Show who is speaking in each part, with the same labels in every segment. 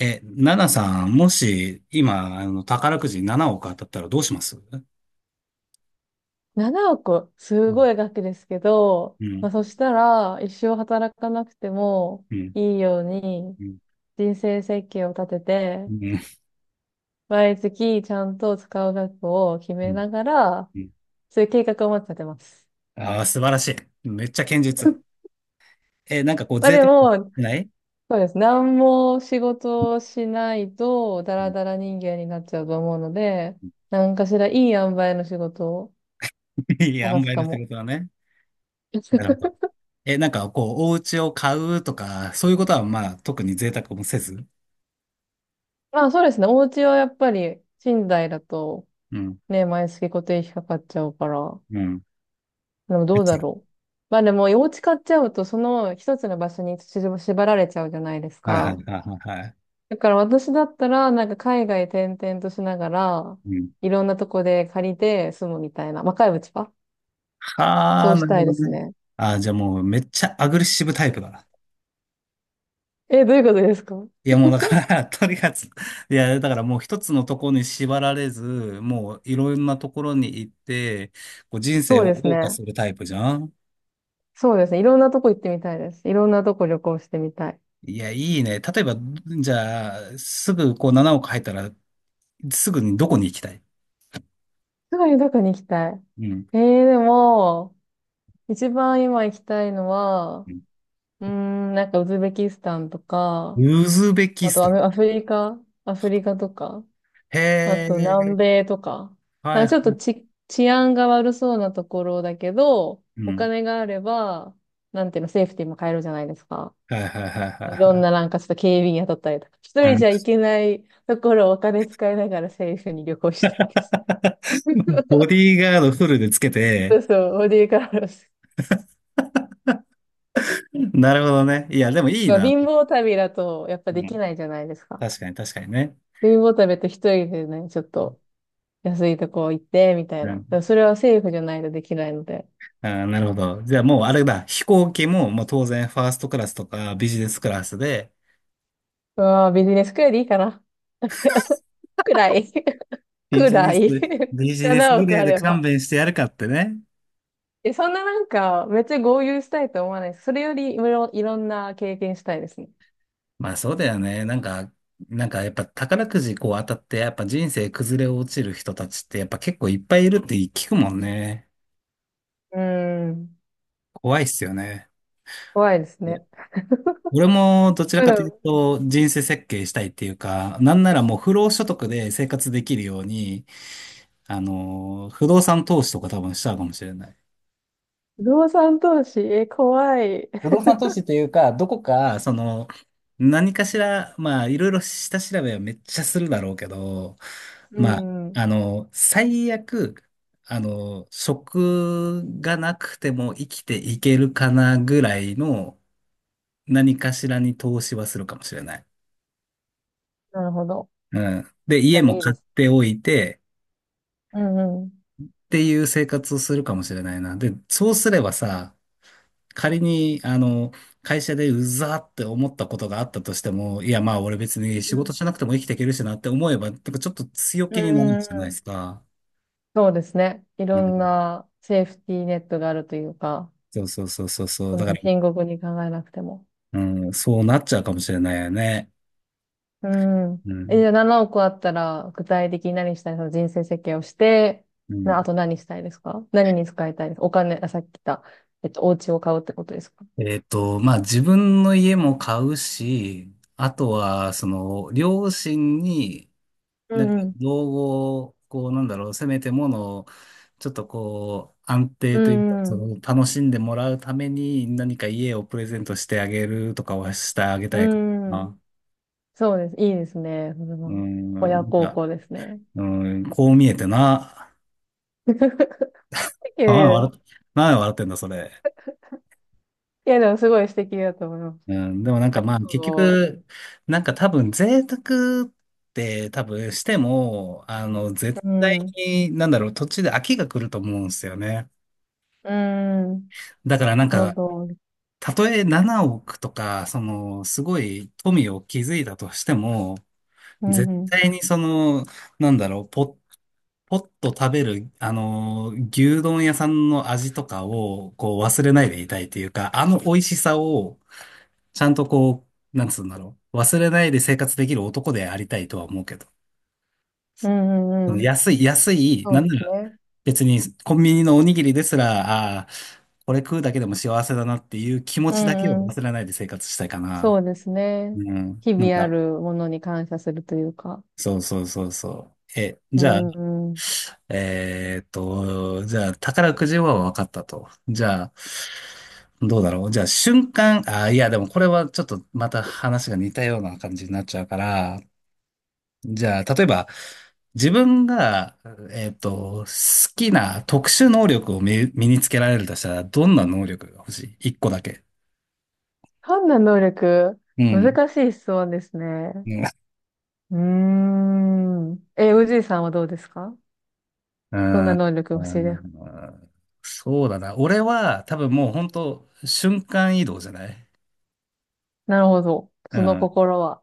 Speaker 1: え、ナナさん、もし、今、宝くじ7億当たったらどうします？うん。
Speaker 2: 7億、すごい額ですけど、
Speaker 1: う
Speaker 2: ま
Speaker 1: ん、
Speaker 2: あ、そしたら、一生働かなくても
Speaker 1: うん、うん、
Speaker 2: いいように、
Speaker 1: うん、
Speaker 2: 人生設計を立てて、毎月ちゃんと使う額を決
Speaker 1: う
Speaker 2: め
Speaker 1: ん。
Speaker 2: ながら、
Speaker 1: うん、
Speaker 2: そういう計画をまず立てます。
Speaker 1: ああー、素晴らしい。めっちゃ堅実。え、なんかこう、
Speaker 2: まあ
Speaker 1: 贅沢
Speaker 2: で
Speaker 1: し
Speaker 2: も、
Speaker 1: てない。
Speaker 2: そうです。何も仕事をしないと、ダ
Speaker 1: う
Speaker 2: ラ
Speaker 1: ん、
Speaker 2: ダラ人間になっちゃうと思うので、何かしらいい塩梅の仕事を
Speaker 1: いい塩
Speaker 2: 探す
Speaker 1: 梅
Speaker 2: か
Speaker 1: の仕
Speaker 2: も。
Speaker 1: 事だね。なるほど。え、なんかこう、お家を買うとか、そういうことは、まあ、特に贅沢もせず。
Speaker 2: まあそうですね。お家はやっぱり、寝台だと
Speaker 1: うん、
Speaker 2: ね、毎月固定費かかっちゃうから。
Speaker 1: うん。
Speaker 2: でも
Speaker 1: め
Speaker 2: ど
Speaker 1: っ
Speaker 2: う
Speaker 1: ち
Speaker 2: だ
Speaker 1: ゃ、
Speaker 2: ろう。まあでも、お家買っちゃうと、その一つの場所に縛られちゃうじゃないです
Speaker 1: はいは
Speaker 2: か。
Speaker 1: いはいはい。はい、
Speaker 2: だから私だったら、なんか海外転々としながら、
Speaker 1: うん。
Speaker 2: いろんなとこで借りて住むみたいな。若いうちは
Speaker 1: は
Speaker 2: そ
Speaker 1: あ、
Speaker 2: う
Speaker 1: な
Speaker 2: し
Speaker 1: る
Speaker 2: た
Speaker 1: ほ
Speaker 2: い
Speaker 1: ど
Speaker 2: です
Speaker 1: ね。
Speaker 2: ね。
Speaker 1: ああ、じゃあもう、めっちゃアグレッシブタイプだ。
Speaker 2: え、どういうことですか？
Speaker 1: いや、もうだから とにかく、いや、だからもう一つのところに縛られず、もういろんなところに行って、こう人生
Speaker 2: そう
Speaker 1: を
Speaker 2: です
Speaker 1: 謳歌
Speaker 2: ね。
Speaker 1: するタイプじゃん。
Speaker 2: そうですね。いろんなとこ行ってみたいです。いろんなとこ旅行してみたい。
Speaker 1: いや、いいね。例えば、じゃあ、すぐこう7億入ったら、すぐにどこに行きたい？
Speaker 2: すぐにどこに行きたい？
Speaker 1: うん。
Speaker 2: でも、一番今行きたいのは、
Speaker 1: うん、
Speaker 2: なんかウズベキスタンとか、
Speaker 1: ウズベキ
Speaker 2: あ
Speaker 1: ス
Speaker 2: と
Speaker 1: タン。
Speaker 2: アフリカ、アフリカとか、
Speaker 1: へ
Speaker 2: あと南
Speaker 1: え、
Speaker 2: 米とか、な
Speaker 1: は
Speaker 2: ん
Speaker 1: い
Speaker 2: か
Speaker 1: は
Speaker 2: ちょっと
Speaker 1: い。
Speaker 2: 治安が悪そうなところだけど、
Speaker 1: う
Speaker 2: お
Speaker 1: ん。
Speaker 2: 金があれば、なんていうの、セーフティーも買えるじゃないですか。
Speaker 1: はいはいはいは
Speaker 2: い
Speaker 1: い
Speaker 2: ろ
Speaker 1: は
Speaker 2: んな
Speaker 1: い。
Speaker 2: なんかちょっと警備員雇ったりとか、一
Speaker 1: う
Speaker 2: 人
Speaker 1: ん、
Speaker 2: じゃ行けないところをお金使いながらセーフに旅行したいです。
Speaker 1: ボ ディーガードフルでつけて、
Speaker 2: そうそう、ボディーカラーです。
Speaker 1: なるほどね。いや、でもいい
Speaker 2: まあ
Speaker 1: な。
Speaker 2: 貧乏旅だとやっぱ
Speaker 1: う
Speaker 2: でき
Speaker 1: ん、
Speaker 2: ないじゃないですか。
Speaker 1: 確かに確かにね。
Speaker 2: 貧乏旅って一人でね、ちょっと安いとこ行って、みたいな。だからそれは政府じゃないとできないので。
Speaker 1: ああ、なるほど。じゃあもうあれだ、飛行機も、もう当然ファーストクラスとかビジネスクラスで、
Speaker 2: うわービジネスくらいでいいかな。くらい。
Speaker 1: ビ
Speaker 2: く
Speaker 1: ジネ
Speaker 2: ら
Speaker 1: ス、
Speaker 2: い。
Speaker 1: ビ ジネス
Speaker 2: 7
Speaker 1: グ
Speaker 2: 億
Speaker 1: レー
Speaker 2: あ
Speaker 1: で
Speaker 2: れ
Speaker 1: 勘
Speaker 2: ば。
Speaker 1: 弁してやるかってね。
Speaker 2: え、そんななんか、めっちゃ豪遊したいと思わないです。それよりいろんな経験したいですね。
Speaker 1: まあそうだよね。なんかやっぱ宝くじこう当たって、やっぱ人生崩れ落ちる人たちってやっぱ結構いっぱいいるって聞くもんね。
Speaker 2: うーん。
Speaker 1: 怖いっすよね。
Speaker 2: 怖いです
Speaker 1: で、
Speaker 2: ね。
Speaker 1: 俺もどちら
Speaker 2: だ
Speaker 1: か
Speaker 2: か
Speaker 1: とい
Speaker 2: ら
Speaker 1: うと人生設計したいっていうか、なんならもう不労所得で生活できるように、不動産投資とか多分しちゃうかもしれない。
Speaker 2: 不動産投資、え、怖い。
Speaker 1: 不動産投資というか、どこか、その、何かしら、まあ、いろいろ下調べはめっちゃするだろうけど、
Speaker 2: う
Speaker 1: まあ、
Speaker 2: ん。
Speaker 1: 最悪、職がなくても生きていけるかなぐらいの何かしらに投資はするかもしれない。
Speaker 2: なるほど。
Speaker 1: うん。で、
Speaker 2: 確
Speaker 1: 家
Speaker 2: か
Speaker 1: も
Speaker 2: にいい
Speaker 1: 買
Speaker 2: で
Speaker 1: っ
Speaker 2: す。
Speaker 1: ておいて
Speaker 2: うんうん。
Speaker 1: っていう生活をするかもしれないな。で、そうすればさ、仮に、会社でうざーって思ったことがあったとしても、いや、まあ、俺別に
Speaker 2: う
Speaker 1: 仕事
Speaker 2: ん。
Speaker 1: しなくても生きていけるしなって思えば、なんかちょっと強
Speaker 2: う
Speaker 1: 気
Speaker 2: ん
Speaker 1: に
Speaker 2: う
Speaker 1: なるん
Speaker 2: んう
Speaker 1: じゃないで
Speaker 2: ん。
Speaker 1: すか。
Speaker 2: そうですね。い
Speaker 1: う
Speaker 2: ろん
Speaker 1: ん。
Speaker 2: なセーフティーネットがあるというか。
Speaker 1: そうそうそうそうそう。
Speaker 2: そん
Speaker 1: だ
Speaker 2: な
Speaker 1: から、
Speaker 2: 深刻に考えなくても。
Speaker 1: うん、そうなっちゃうかもしれないよね。
Speaker 2: うん。
Speaker 1: う
Speaker 2: え、じゃ
Speaker 1: ん。
Speaker 2: あ7億あったら、具体的に何したい？その人生設計をして、
Speaker 1: うん。
Speaker 2: あと何したいですか？何に使いたいですか？お金、あ、さっき言った、お家を買うってことですか？
Speaker 1: まあ、自分の家も買うし、あとは、その、両親に、
Speaker 2: う
Speaker 1: なんか、
Speaker 2: ん
Speaker 1: 造語を、こう、なんだろう、せめてものを、ちょっとこう、安定
Speaker 2: う
Speaker 1: というか、
Speaker 2: ん。う
Speaker 1: そ
Speaker 2: ん
Speaker 1: の、楽しんでもらうために、何か家をプレゼントしてあげるとかはしてあげ
Speaker 2: う
Speaker 1: たいか
Speaker 2: ん。うん。
Speaker 1: な。
Speaker 2: そうです。いいですね。それ
Speaker 1: う
Speaker 2: は
Speaker 1: ん、
Speaker 2: 親
Speaker 1: い
Speaker 2: 孝
Speaker 1: や、
Speaker 2: 行ですね。
Speaker 1: うん、こう見えてな。
Speaker 2: いやい
Speaker 1: あ、
Speaker 2: や、い
Speaker 1: なんで笑ってんだ、それ。
Speaker 2: やでもすごい素敵だと思います。
Speaker 1: うん、でもなんかまあ、結
Speaker 2: そ
Speaker 1: 局、なんか多分、贅沢って多分しても、
Speaker 2: う。
Speaker 1: 絶
Speaker 2: う
Speaker 1: 対
Speaker 2: ん。
Speaker 1: に、なんだろう、途中で飽きが来ると思うんですよね。
Speaker 2: うん。
Speaker 1: だからなん
Speaker 2: なるほ
Speaker 1: か、
Speaker 2: ど。
Speaker 1: たとえ7億とか、その、すごい富を築いたとしても、
Speaker 2: うん
Speaker 1: 絶
Speaker 2: うん。
Speaker 1: 対にその、なんだろう、ポッと食べる、牛丼屋さんの味とかを、こう、忘れないでいたいというか、あの美味しさを、ちゃんとこう、なんつうんだろう、忘れないで生活できる男でありたいとは思うけど。
Speaker 2: うんう
Speaker 1: そ
Speaker 2: ん
Speaker 1: の
Speaker 2: うん。
Speaker 1: 安い、安い、
Speaker 2: そ
Speaker 1: な
Speaker 2: う
Speaker 1: ん
Speaker 2: で
Speaker 1: な
Speaker 2: す
Speaker 1: ら、
Speaker 2: ね。
Speaker 1: 別にコンビニのおにぎりですら、ああ、これ食うだけでも幸せだなっていう気持
Speaker 2: う
Speaker 1: ちだけを
Speaker 2: んうん
Speaker 1: 忘れないで生活したいか
Speaker 2: そ
Speaker 1: な。
Speaker 2: うですね。
Speaker 1: うん。
Speaker 2: 日
Speaker 1: なん
Speaker 2: 々あ
Speaker 1: か、
Speaker 2: るものに感謝するというか。
Speaker 1: そうそうそうそう。え、
Speaker 2: う
Speaker 1: じゃあ、
Speaker 2: ん。
Speaker 1: じゃあ、宝くじは分かったと。じゃあ、どうだろう。じゃあ、瞬間、あ、いや、でもこれはちょっとまた話が似たような感じになっちゃうから、じゃあ、例えば、自分が、好きな特殊能力を身につけられるとしたら、どんな能力が欲しい？ 1 個だけ。
Speaker 2: 判断能力、
Speaker 1: うん。
Speaker 2: 難しい質問ですね。うーん。え、おじいさんはどうですか？
Speaker 1: うー
Speaker 2: どんな
Speaker 1: ん、
Speaker 2: 能力欲
Speaker 1: う
Speaker 2: しいですか？
Speaker 1: ん、そうだな。俺は多分もう本当瞬間移動じゃない？
Speaker 2: なるほど。
Speaker 1: う
Speaker 2: その
Speaker 1: ん。
Speaker 2: 心は。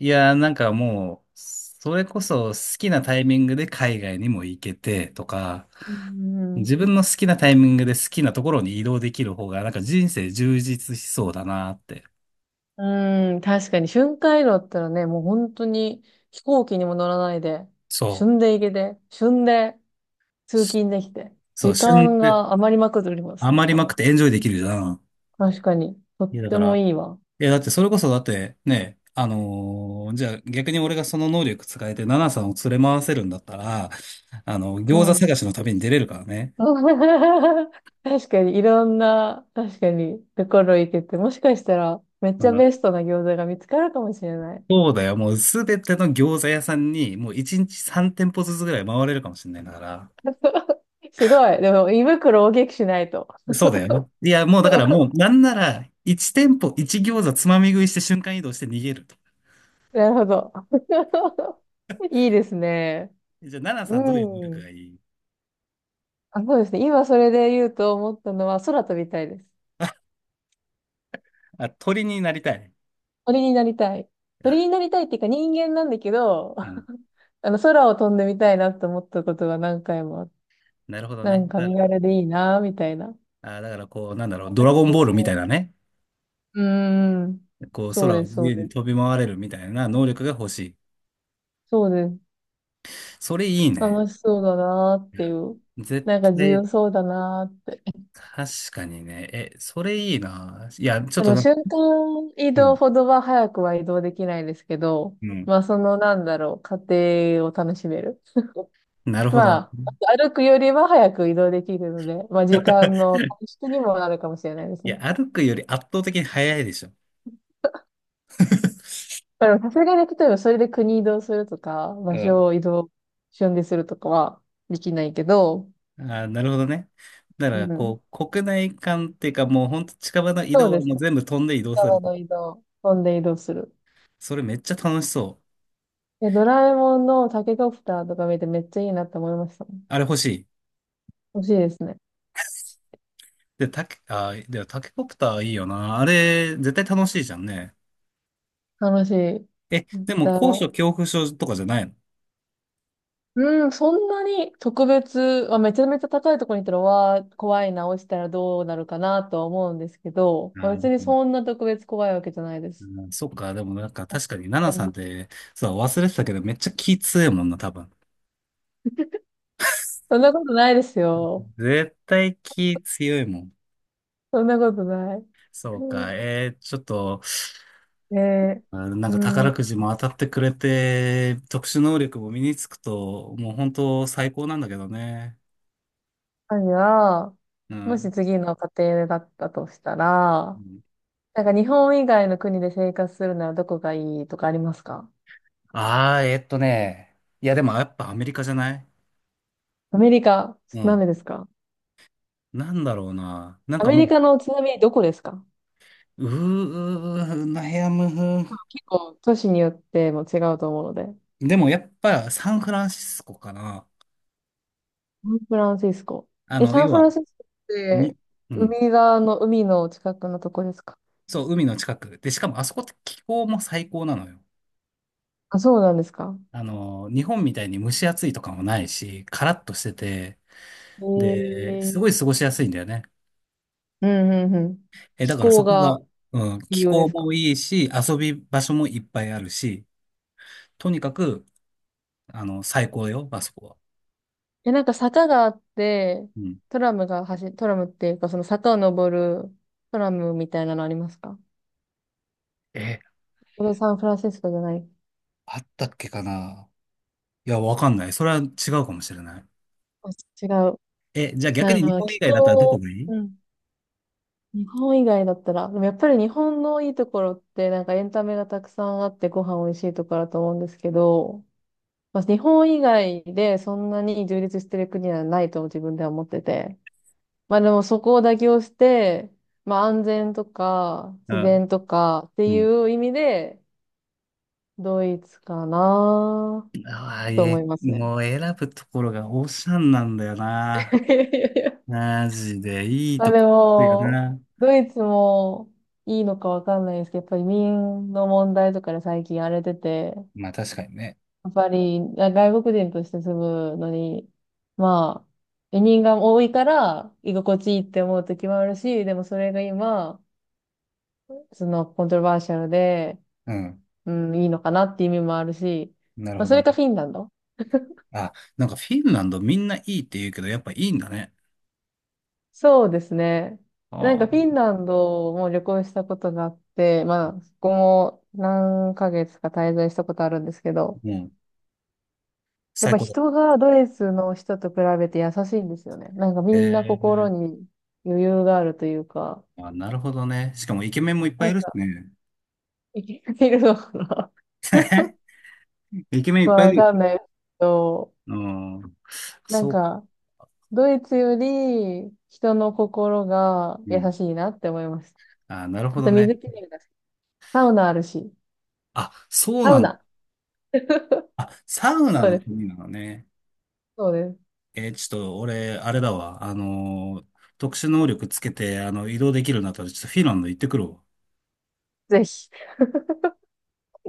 Speaker 1: いやー、なんかもう、それこそ好きなタイミングで海外にも行けてとか、
Speaker 2: うん。
Speaker 1: 自分の好きなタイミングで好きなところに移動できる方が、なんか人生充実しそうだなって。
Speaker 2: うん、確かに瞬間移動だったらね、もう本当に飛行機にも乗らないで、
Speaker 1: そ
Speaker 2: 旬で行けて、旬で
Speaker 1: う。
Speaker 2: 通勤できて、
Speaker 1: そう、
Speaker 2: 時
Speaker 1: 旬
Speaker 2: 間
Speaker 1: で
Speaker 2: が余りまくっておりますね、
Speaker 1: 余り
Speaker 2: 多
Speaker 1: まくっ
Speaker 2: 分。
Speaker 1: てエンジョイできるじゃん。
Speaker 2: 確かに。とっ
Speaker 1: いや、だか
Speaker 2: ても
Speaker 1: ら、
Speaker 2: いいわ。
Speaker 1: いや、だってそれこそだってね、じゃあ逆に俺がその能力使えて奈々さんを連れ回せるんだったら、
Speaker 2: う
Speaker 1: 餃子
Speaker 2: ん。
Speaker 1: 探しの旅に出れるからね。
Speaker 2: 確かに、いろんな、確かに、ところ行けて、もしかしたら、めっち
Speaker 1: あ
Speaker 2: ゃ
Speaker 1: の
Speaker 2: ベストな餃子が見つかるかもしれない。
Speaker 1: そうだよ。もうすべての餃子屋さんに、もう1日3店舗ずつぐらい回れるかもしれないんだから。
Speaker 2: すごい。でも、胃袋を大きくしないと。
Speaker 1: そうだよ。いや、もうだからも う、なんなら、1店舗1餃子つまみ食いして瞬間移動して逃げると。
Speaker 2: なるほど。いいですね。
Speaker 1: じゃあ、奈々
Speaker 2: う
Speaker 1: さんどういう能力
Speaker 2: ん。
Speaker 1: がいい？
Speaker 2: あ、そうですね。今それで言うと思ったのは、空飛びたいです。
Speaker 1: あ、鳥になりたい。
Speaker 2: 鳥になりたい。鳥
Speaker 1: あ、
Speaker 2: になりたいっていうか人間なんだけど、
Speaker 1: うん。
Speaker 2: 空を飛んでみたいなって思ったことが何回もあって、
Speaker 1: なるほど
Speaker 2: な
Speaker 1: ね。
Speaker 2: んか
Speaker 1: だか
Speaker 2: 身
Speaker 1: ら、
Speaker 2: 軽でいいな、みたいな。
Speaker 1: こう、なんだろう、ド
Speaker 2: 楽
Speaker 1: ラ
Speaker 2: し
Speaker 1: ゴン
Speaker 2: そう
Speaker 1: ボー
Speaker 2: じゃ
Speaker 1: ルみ
Speaker 2: ない。
Speaker 1: たいなね。
Speaker 2: うーん。
Speaker 1: こう、
Speaker 2: そう
Speaker 1: 空を
Speaker 2: です、
Speaker 1: 自
Speaker 2: そ
Speaker 1: 由
Speaker 2: うで
Speaker 1: に
Speaker 2: す。
Speaker 1: 飛び回れるみたいな能力が欲しい。
Speaker 2: そうです。
Speaker 1: それいいね。
Speaker 2: 楽しそうだなーっ
Speaker 1: い
Speaker 2: てい
Speaker 1: や、
Speaker 2: う。
Speaker 1: 絶
Speaker 2: なんか自
Speaker 1: 対、
Speaker 2: 由そうだなーって。
Speaker 1: 確かにね。え、それいいな。いや、ちょっ
Speaker 2: そ
Speaker 1: と
Speaker 2: の
Speaker 1: なんか、
Speaker 2: 瞬間移
Speaker 1: う
Speaker 2: 動
Speaker 1: ん、
Speaker 2: ほどは早くは移動できないですけど、
Speaker 1: うん。
Speaker 2: まあそのなんだろう、過程を楽しめる。
Speaker 1: なるほ
Speaker 2: ま
Speaker 1: ど。
Speaker 2: あ、歩くよりは早く移動できるので、まあ時間の 短縮にもなるかもしれないです
Speaker 1: い
Speaker 2: ね。
Speaker 1: や、歩くより圧倒的に速いでしょ。
Speaker 2: だからさすがに例えばそれで国移動するとか、
Speaker 1: う
Speaker 2: 場
Speaker 1: ん。
Speaker 2: 所を移動、瞬でするとかはできないけど、
Speaker 1: あー、なるほどね。だか
Speaker 2: う
Speaker 1: ら、
Speaker 2: ん。
Speaker 1: こう、国内間っていうか、もうほんと近場の移
Speaker 2: そう
Speaker 1: 動は
Speaker 2: で
Speaker 1: も
Speaker 2: す
Speaker 1: う
Speaker 2: ね。
Speaker 1: 全部飛んで移動する
Speaker 2: 川
Speaker 1: と。
Speaker 2: の移動、飛んで移動する。
Speaker 1: それめっちゃ楽しそう。
Speaker 2: え、ドラえもんのタケコプターとか見てめっちゃいいなって思いましたもん。
Speaker 1: あれ欲しい。
Speaker 2: 欲しいですね。
Speaker 1: で、タケ、あー、でもタケコプターいいよな。あれ、絶対楽しいじゃんね。
Speaker 2: 楽しい。
Speaker 1: え、でも高
Speaker 2: だ、
Speaker 1: 所恐怖症とかじゃないの？
Speaker 2: うん、そんなに特別、まあ、めちゃめちゃ高いところに行ったら、わー、怖いな、落ちたらどうなるかなとは思うんですけど、まあ、
Speaker 1: で
Speaker 2: 別に
Speaker 1: も、
Speaker 2: そんな特別怖いわけじゃないです。
Speaker 1: うん、そっか、でもなんか確かに、ナナさんって、そう、忘れてたけど、めっちゃ気強いもんな、多分。
Speaker 2: そんなことないですよ。
Speaker 1: 絶対気強いもん。
Speaker 2: そんなことない。
Speaker 1: そうか、ちょっと、
Speaker 2: で、
Speaker 1: あ、なん
Speaker 2: う
Speaker 1: か
Speaker 2: ん、
Speaker 1: 宝くじも当たってくれて、特殊能力も身につくと、もう本当最高なんだけどね。
Speaker 2: 何が、
Speaker 1: う
Speaker 2: もし
Speaker 1: ん。
Speaker 2: 次の家庭だったとしたら、なんか日本以外の国で生活するならどこがいいとかありますか？
Speaker 1: ああー。いや、でもやっぱアメリカじゃない？
Speaker 2: アメリカ、
Speaker 1: う
Speaker 2: なん
Speaker 1: ん。
Speaker 2: でですか？
Speaker 1: なんだろうな。なん
Speaker 2: ア
Speaker 1: か
Speaker 2: メリ
Speaker 1: も
Speaker 2: カのちなみにどこですか？
Speaker 1: う、うー、うーうーなやむ。
Speaker 2: 結構都市によっても違うと思うので。
Speaker 1: でもやっぱサンフランシスコかな。
Speaker 2: サンフランシスコ。え、サン
Speaker 1: 要
Speaker 2: フ
Speaker 1: は、
Speaker 2: ランシスコっ
Speaker 1: に、
Speaker 2: て
Speaker 1: うん。
Speaker 2: 海側の海の近くのとこですか？
Speaker 1: そう、海の近く。で、しかもあそこって気候も最高なのよ。
Speaker 2: あ、そうなんですか？
Speaker 1: 日本みたいに蒸し暑いとかもないし、カラッとしてて、
Speaker 2: え
Speaker 1: で、す
Speaker 2: ー、
Speaker 1: ごい過ごしやすいんだよね。
Speaker 2: うんうんうん。
Speaker 1: え、だ
Speaker 2: 気
Speaker 1: からそ
Speaker 2: 候
Speaker 1: こが、
Speaker 2: が
Speaker 1: うん、
Speaker 2: 理
Speaker 1: 気
Speaker 2: 由で
Speaker 1: 候
Speaker 2: すか？
Speaker 1: もいいし、遊び場所もいっぱいあるし、とにかく、最高よ、あそこは。
Speaker 2: え、なんか坂があって、
Speaker 1: うん。
Speaker 2: トラムっていうかその坂を登るトラムみたいなのありますか？
Speaker 1: え、
Speaker 2: これサンフランシスコじゃない？
Speaker 1: あったっけかな？いや、わかんない。それは違うかもしれない。
Speaker 2: あ、違う。
Speaker 1: え、じゃあ逆
Speaker 2: な
Speaker 1: に
Speaker 2: るほ
Speaker 1: 日
Speaker 2: ど。
Speaker 1: 本
Speaker 2: 気
Speaker 1: 以外だったらどこ
Speaker 2: 候、
Speaker 1: がいい？
Speaker 2: うん。日本以外だったら、でもやっぱり日本のいいところって、なんかエンタメがたくさんあってご飯美味しいところだと思うんですけど、まあ、日本以外でそんなに充実してる国はないと自分では思ってて。まあでもそこを妥協して、まあ安全とか
Speaker 1: う
Speaker 2: 自
Speaker 1: ん
Speaker 2: 然とかって
Speaker 1: うん。
Speaker 2: いう意味で、ドイツかな
Speaker 1: ああ、
Speaker 2: と思
Speaker 1: え、
Speaker 2: いますね。
Speaker 1: もう選ぶところがオーシャンなんだよな。マジでいい
Speaker 2: まあ
Speaker 1: とこ
Speaker 2: で
Speaker 1: 行くよ
Speaker 2: も、
Speaker 1: な。
Speaker 2: ドイツもいいのかわかんないですけど、やっぱり移民の問題とかで最近荒れてて、
Speaker 1: まあ確かにね。
Speaker 2: やっぱりあ外国人として住むのに、まあ、移民が多いから居心地いいって思う時もあるし、でもそれが今、そのコントロバーシャルで、
Speaker 1: うん。
Speaker 2: うん、いいのかなっていう意味もあるし、
Speaker 1: なる
Speaker 2: まあ
Speaker 1: ほ
Speaker 2: そ
Speaker 1: ど
Speaker 2: れか
Speaker 1: ね。
Speaker 2: フィンランド。
Speaker 1: あ、なんかフィンランドみんないいって言うけど、やっぱいいんだね。
Speaker 2: そうですね。なん
Speaker 1: あ
Speaker 2: かフィン
Speaker 1: あ。
Speaker 2: ランドも旅行したことがあって、まあ、そこも何ヶ月か滞在したことあるんですけど、
Speaker 1: うん。
Speaker 2: やっ
Speaker 1: 最
Speaker 2: ぱ
Speaker 1: 高だ。
Speaker 2: 人がドイツの人と比べて優しいんですよね。なんかみんな心
Speaker 1: ええ、
Speaker 2: に余裕があるというか、
Speaker 1: あ、なるほどね。しかもイケメンもいっぱ
Speaker 2: な
Speaker 1: い
Speaker 2: ん
Speaker 1: いるし
Speaker 2: か
Speaker 1: ね。
Speaker 2: 生きているのかな？
Speaker 1: イケメンい
Speaker 2: ま
Speaker 1: っ
Speaker 2: あ、
Speaker 1: ぱいい
Speaker 2: わ
Speaker 1: る
Speaker 2: かん
Speaker 1: よ。
Speaker 2: ないですけど、
Speaker 1: うん。
Speaker 2: なん
Speaker 1: そ
Speaker 2: かドイツより人の心が
Speaker 1: う。う
Speaker 2: 優
Speaker 1: ん。
Speaker 2: しいなって思いました。
Speaker 1: あ、なるほ
Speaker 2: あ
Speaker 1: ど
Speaker 2: と
Speaker 1: ね。
Speaker 2: 水きれいだし、サウナあるし、
Speaker 1: あ、そう
Speaker 2: サ
Speaker 1: な
Speaker 2: ウ
Speaker 1: んだ。
Speaker 2: ナ。
Speaker 1: あ、サウナ
Speaker 2: そ
Speaker 1: の
Speaker 2: うです
Speaker 1: 国なのね。
Speaker 2: そうです。
Speaker 1: ちょっと俺、あれだわ。特殊能力つけて、移動できるようになったら、ちょっとフィンランド行ってくるわ。
Speaker 2: ぜひ。